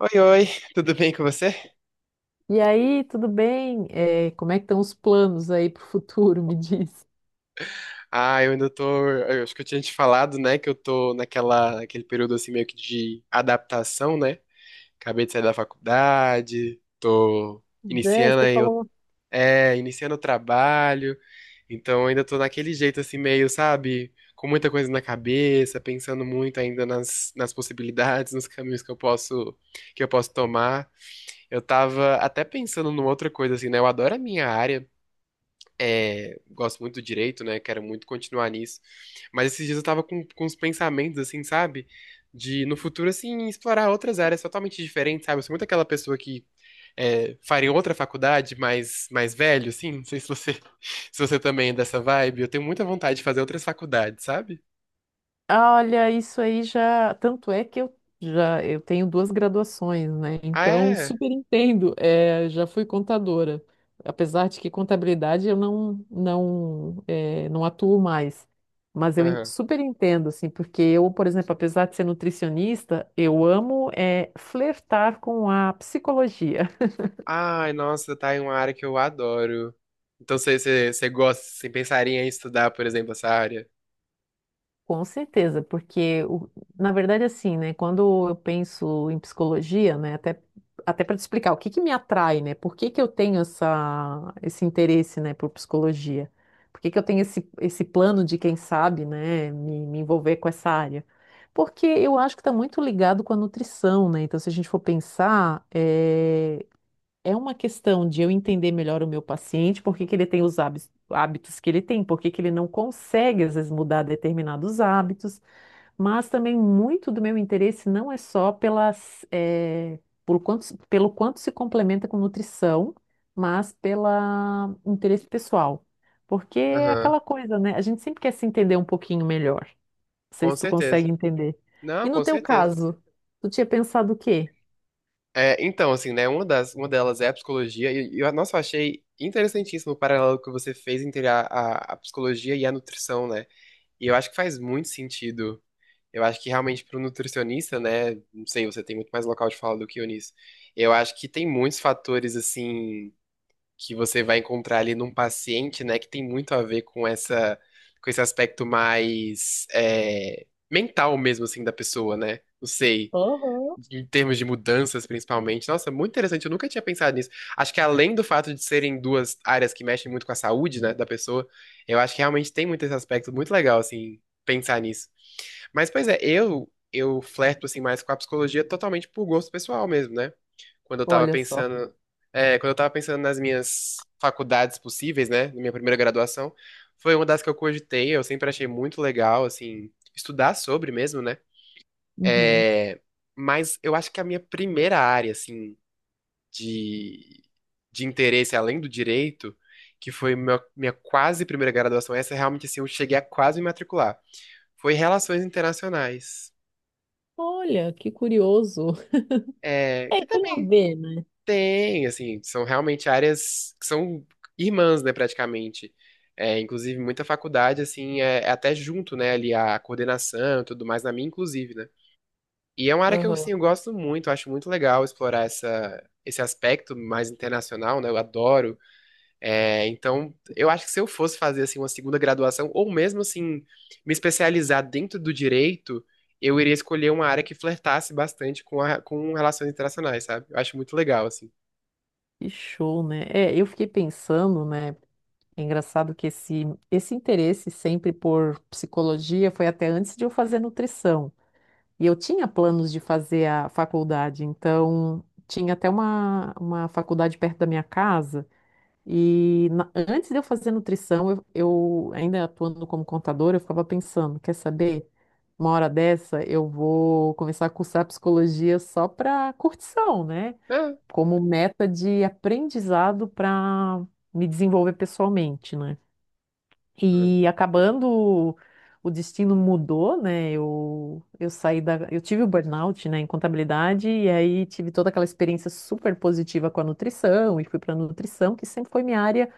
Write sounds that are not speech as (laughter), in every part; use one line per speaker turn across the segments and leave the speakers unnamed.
Oi, oi, tudo bem com você?
E aí, tudo bem? Como é que estão os planos aí para o futuro? (laughs) Me diz.
Ah, eu ainda tô. Eu acho que eu tinha te falado, né, que eu tô naquele período assim meio que de adaptação, né? Acabei de sair da faculdade, tô
Né,
iniciando
você
aí,
falou.
iniciando o trabalho, então ainda tô naquele jeito assim meio, sabe, com muita coisa na cabeça, pensando muito ainda nas possibilidades, nos caminhos que eu posso tomar. Eu tava até pensando numa outra coisa assim, né? Eu adoro a minha área. É, gosto muito do direito, né? Quero muito continuar nisso. Mas esses dias eu tava com uns pensamentos, assim, sabe? De no futuro, assim, explorar outras áreas totalmente diferentes, sabe? Eu sou muito aquela pessoa que faria outra faculdade, mais velho, assim. Não sei se você, (laughs) se você também é dessa vibe. Eu tenho muita vontade de fazer outras faculdades, sabe?
"Ah, olha, isso aí já. Tanto é que eu já eu tenho duas graduações, né?
Ah,
Então,
é?
super entendo. Já fui contadora. Apesar de que contabilidade eu não não atuo mais. Mas eu
Aham.
super entendo, assim, porque eu, por exemplo, apesar de ser nutricionista, eu amo flertar com a psicologia. (laughs)
Ai, nossa, tá em uma área que eu adoro. Então você gosta, você pensaria em estudar, por exemplo, essa área?
Com certeza, porque na verdade assim, né, quando eu penso em psicologia, né, até para te explicar o que que me atrai, né? Por que que eu tenho essa esse interesse, né, por psicologia? Por que que eu tenho esse plano de quem sabe, né, me envolver com essa área? Porque eu acho que está muito ligado com a nutrição, né? Então, se a gente for pensar, é uma questão de eu entender melhor o meu paciente, por que que ele tem os hábitos que ele tem, por que que ele não consegue, às vezes, mudar determinados hábitos, mas também muito do meu interesse não é só por quanto, se- pelo quanto se complementa com nutrição, mas pelo interesse pessoal. Porque é
Aham,
aquela coisa, né? A gente sempre quer se entender um pouquinho melhor. Não sei
com
se tu
certeza.
consegue entender. E
Não,
no
com
teu
certeza.
caso, tu tinha pensado o quê?
É, então, assim, né, uma delas é a psicologia, e nossa, eu achei interessantíssimo o paralelo que você fez entre a psicologia e a nutrição, né? E eu acho que faz muito sentido. Eu acho que realmente para o nutricionista, né, não sei, você tem muito mais local de fala do que eu nisso. Eu acho que tem muitos fatores, assim, que você vai encontrar ali num paciente, né, que tem muito a ver com com esse aspecto mais, mental mesmo, assim, da pessoa, né? Não sei
Aham.
em termos de mudanças, principalmente. Nossa, muito interessante. Eu nunca tinha pensado nisso. Acho que além do fato de serem duas áreas que mexem muito com a saúde, né, da pessoa, eu acho que realmente tem muito esse aspecto muito legal, assim, pensar nisso. Mas, pois é, eu flerto, assim, mais com a psicologia totalmente por gosto pessoal mesmo, né? Quando eu tava
Olha só.
pensando, Quando eu tava pensando nas minhas faculdades possíveis, né, na minha primeira graduação, foi uma das que eu cogitei, eu sempre achei muito legal, assim, estudar sobre mesmo, né?
Uhum.
É, mas eu acho que a minha primeira área, assim, de, de interesse, além do direito, que foi minha quase primeira graduação, essa realmente, assim, eu cheguei a quase me matricular, foi Relações Internacionais.
Olha, que curioso. (laughs)
É,
É,
que
tem a
também
ver, né?
tem, assim, são realmente áreas que são irmãs, né, praticamente. É, inclusive, muita faculdade, assim, é até junto, né, ali a coordenação e tudo mais, na minha, inclusive, né? E é uma área que eu, assim,
Aham.
eu gosto muito, acho muito legal explorar esse aspecto mais internacional, né? Eu adoro. É, então, eu acho que se eu fosse fazer assim uma segunda graduação, ou mesmo assim, me especializar dentro do direito, eu iria escolher uma área que flertasse bastante com, a, com relações internacionais, sabe? Eu acho muito legal, assim.
Que show, né? É, eu fiquei pensando, né? É engraçado esse interesse sempre por psicologia foi até antes de eu fazer nutrição. E eu tinha planos de fazer a faculdade, então tinha até uma faculdade perto da minha casa. E antes de eu fazer nutrição, eu ainda atuando como contadora, eu ficava pensando, quer saber? Uma hora dessa eu vou começar a cursar psicologia só para curtição, né?
Ah,
Como meta de aprendizado para me desenvolver pessoalmente, né?
hum.
E acabando, o destino mudou, né? Eu saí eu tive o burnout, né, em contabilidade e aí tive toda aquela experiência super positiva com a nutrição e fui para nutrição, que sempre foi minha área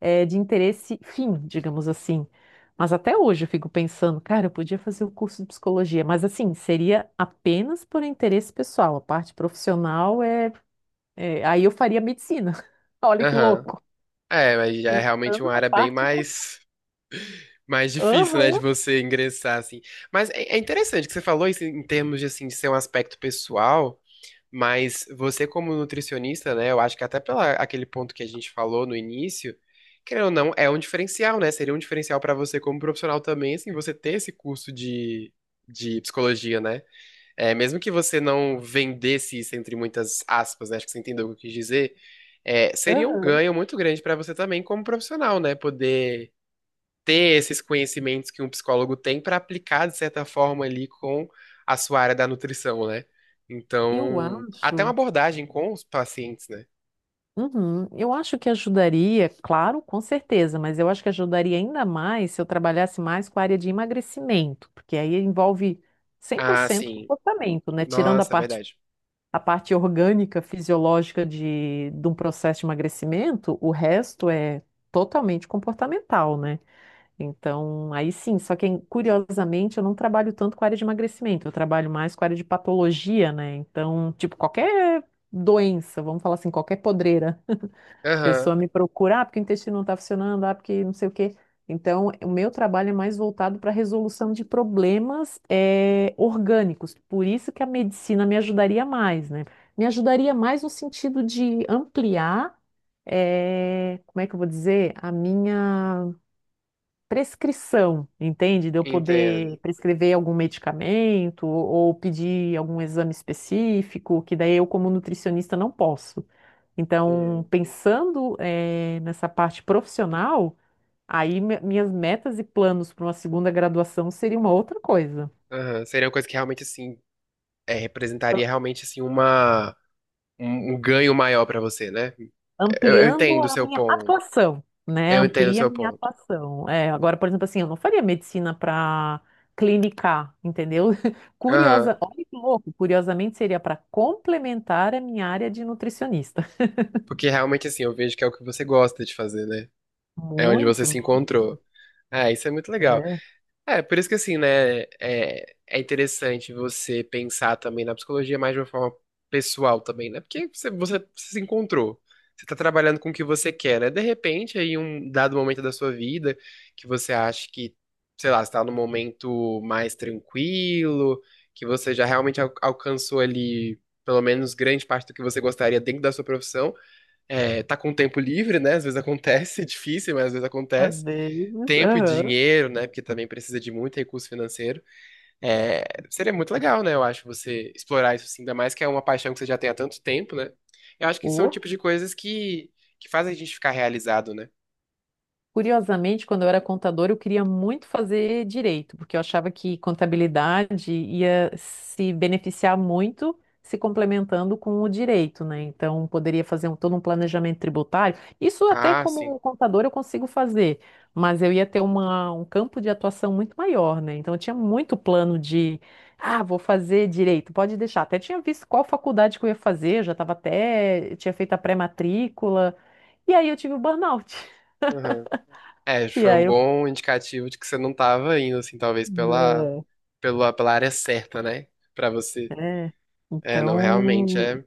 de interesse fim, digamos assim. Mas até hoje eu fico pensando, cara, eu podia fazer o curso de psicologia, mas assim, seria apenas por interesse pessoal. A parte profissional aí eu faria medicina. (laughs) Olha que
Aham.
louco.
É, mas já é realmente
Pensando
uma
na
área bem
parte profissional.
mais. Mais difícil, né, de
Aham,
você ingressar, assim. Mas é interessante que você falou isso em termos de, assim, de ser um aspecto pessoal. Mas você, como nutricionista, né? Eu acho que até pela aquele ponto que a gente falou no início, querendo ou não, é um diferencial, né? Seria um diferencial para você como profissional também, assim, você ter esse curso de psicologia, né? É, mesmo que você não vendesse isso entre muitas aspas, né? Acho que você entendeu o que eu quis dizer. É, seria um
aham.
ganho muito grande para você também como profissional, né? Poder ter esses conhecimentos que um psicólogo tem para aplicar, de certa forma, ali com a sua área da nutrição, né?
Eu
Então, até uma
acho,
abordagem com os pacientes, né?
uhum, eu acho que ajudaria, claro, com certeza, mas eu acho que ajudaria ainda mais se eu trabalhasse mais com a área de emagrecimento, porque aí envolve cem por
Ah,
cento
sim.
comportamento, né? Tirando
Nossa, é verdade.
a parte orgânica, fisiológica de um processo de emagrecimento, o resto é totalmente comportamental, né? Então, aí sim, só que curiosamente eu não trabalho tanto com a área de emagrecimento, eu trabalho mais com a área de patologia, né? Então, tipo, qualquer doença, vamos falar assim, qualquer podreira a
Aham,
pessoa me procura, ah, porque o intestino não está funcionando, ah, porque não sei o quê. Então, o meu trabalho é mais voltado para a resolução de problemas orgânicos. Por isso que a medicina me ajudaria mais, né? Me ajudaria mais no sentido de ampliar, como é que eu vou dizer, a minha prescrição, entende? De eu
entendo.
poder prescrever algum medicamento ou pedir algum exame específico, que daí eu, como nutricionista, não posso. Então,
Uhum,
pensando, nessa parte profissional, aí minhas metas e planos para uma segunda graduação seria uma outra coisa,
aham. Seria uma coisa que realmente, assim, é,
a-
representaria realmente, assim, uma, um ganho maior para você, né? Eu
ampliando
entendo o
a
seu
minha
ponto.
atuação, né?
Eu entendo o
Amplia a
seu
minha
ponto.
atuação. É, agora, por exemplo, assim, eu não faria medicina para clinicar, entendeu? (laughs)
Aham.
Curiosa, olha que louco, curiosamente seria para complementar a minha área de nutricionista.
Porque realmente, assim, eu vejo que é o que você gosta de fazer, né? É onde você
Muito,
se
(laughs) nossa.
encontrou. Ah, isso é muito legal.
É,
É, por isso que assim, né, é interessante você pensar também na psicologia mais de uma forma pessoal também, né? Porque você se encontrou, você tá trabalhando com o que você quer, né? De repente, aí um dado momento da sua vida que você acha que, sei lá, você tá num momento mais tranquilo, que você já realmente alcançou ali pelo menos grande parte do que você gostaria dentro da sua profissão, é, tá com tempo livre, né? Às vezes acontece, (laughs) é difícil, mas às vezes
às
acontece.
vezes.
Tempo e
Aham.
dinheiro, né? Porque também precisa de muito recurso financeiro. É, seria muito legal, né? Eu acho você explorar isso assim, ainda mais que é uma paixão que você já tem há tanto tempo, né? Eu acho que são o tipo de coisas que fazem a gente ficar realizado, né?
Curiosamente, quando eu era contadora, eu queria muito fazer direito, porque eu achava que contabilidade ia se beneficiar muito se complementando com o direito, né? Então, poderia fazer todo um planejamento tributário. Isso até
Ah, sim.
como contadora eu consigo fazer, mas eu ia ter um campo de atuação muito maior, né? Então, eu tinha muito plano de, ah, vou fazer direito, pode deixar. Até tinha visto qual faculdade que eu ia fazer, eu já estava até, tinha feito a pré-matrícula, e aí eu tive o burnout. (laughs)
Aham. É,
E
foi um
aí
bom indicativo de que você não tava indo, assim, talvez pela,
é,
pela, pela área certa, né? Pra você.
é.
É, não, realmente
Então,
é.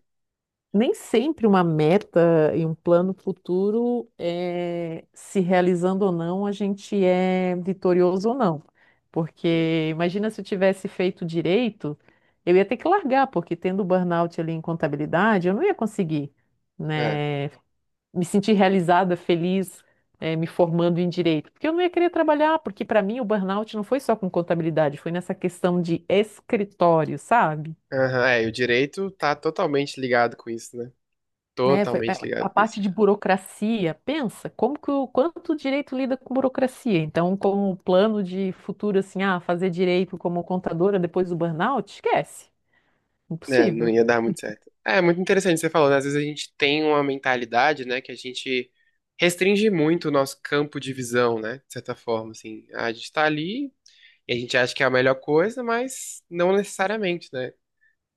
nem sempre uma meta e um plano futuro se realizando ou não, a gente é vitorioso ou não. Porque imagina se eu tivesse feito direito, eu ia ter que largar, porque tendo burnout ali em contabilidade, eu não ia conseguir,
É.
né, me sentir realizada, feliz, me formando em direito, porque eu não ia querer trabalhar, porque para mim o burnout não foi só com contabilidade, foi nessa questão de escritório, sabe?
Aham, é, e o direito tá totalmente ligado com isso, né?
Né?
Totalmente
A
ligado com
parte
isso.
de burocracia. Pensa, como que o quanto o direito lida com burocracia? Então, como o plano de futuro assim, ah, fazer direito como contadora depois do burnout, esquece.
É, não
Impossível.
ia dar muito certo. É, muito interessante o que você falou, né? Às vezes a gente tem uma mentalidade, né, que a gente restringe muito o nosso campo de visão, né? De certa forma, assim. A gente tá ali e a gente acha que é a melhor coisa, mas não necessariamente, né?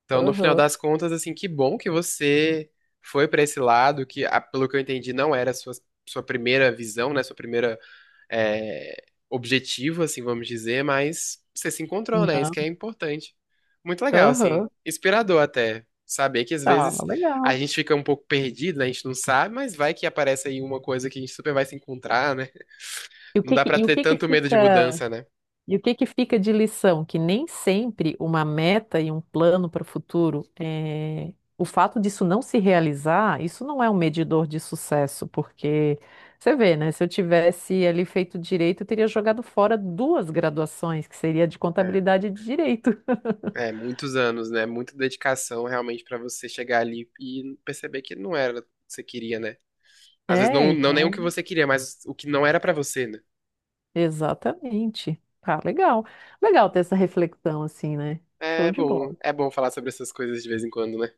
Então, no final
Aham.
das contas, assim, que bom que você foi pra esse lado, que, ah, pelo que eu entendi, não era a sua primeira visão, né? Sua primeira é, objetivo, assim, vamos dizer, mas você se encontrou, né? Isso
Não.
que é importante. Muito legal,
Aham.
assim, inspirador até. Saber que às
Tá,
vezes a
legal.
gente fica um pouco perdido, né? A gente não sabe, mas vai que aparece aí uma coisa que a gente super vai se encontrar, né?
E o
Não
que
dá
que-
pra
e o
ter
que que
tanto medo de
fica
mudança, né?
E o que que fica de lição? Que nem sempre uma meta e um plano para o futuro, o fato disso não se realizar, isso não é um medidor de sucesso, porque você vê, né? Se eu tivesse ali feito direito, eu teria jogado fora duas graduações, que seria de
É,
contabilidade e de direito. (laughs)
é, muitos anos, né? Muita dedicação realmente pra você chegar ali e perceber que não era o que você queria, né? Às vezes
É,
não nem o
então,
que você queria, mas o que não era pra você, né?
exatamente. Tá, legal. Legal ter essa reflexão assim, né? Show de bola.
É bom falar sobre essas coisas de vez em quando, né?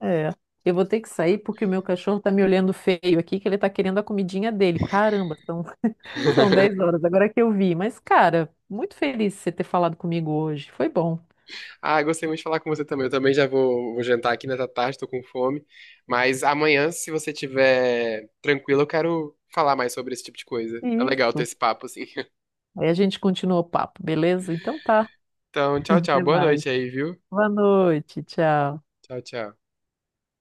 É. Eu vou ter que sair porque o meu cachorro tá me olhando feio aqui, que ele tá querendo a comidinha dele. Caramba, são 10
(laughs)
horas, agora que eu vi. Mas, cara, muito feliz de você ter falado comigo hoje. Foi bom.
Ah, gostei muito de falar com você também. Eu também já vou jantar aqui nessa tarde, tô com fome. Mas amanhã, se você tiver tranquilo, eu quero falar mais sobre esse tipo de coisa. É legal ter
Isso.
esse papo, assim. (laughs)
Aí a gente continua o papo, beleza? Então tá.
Então, tchau, tchau.
Até
Boa
mais.
noite aí, viu?
Boa noite. Tchau.
Tchau, tchau.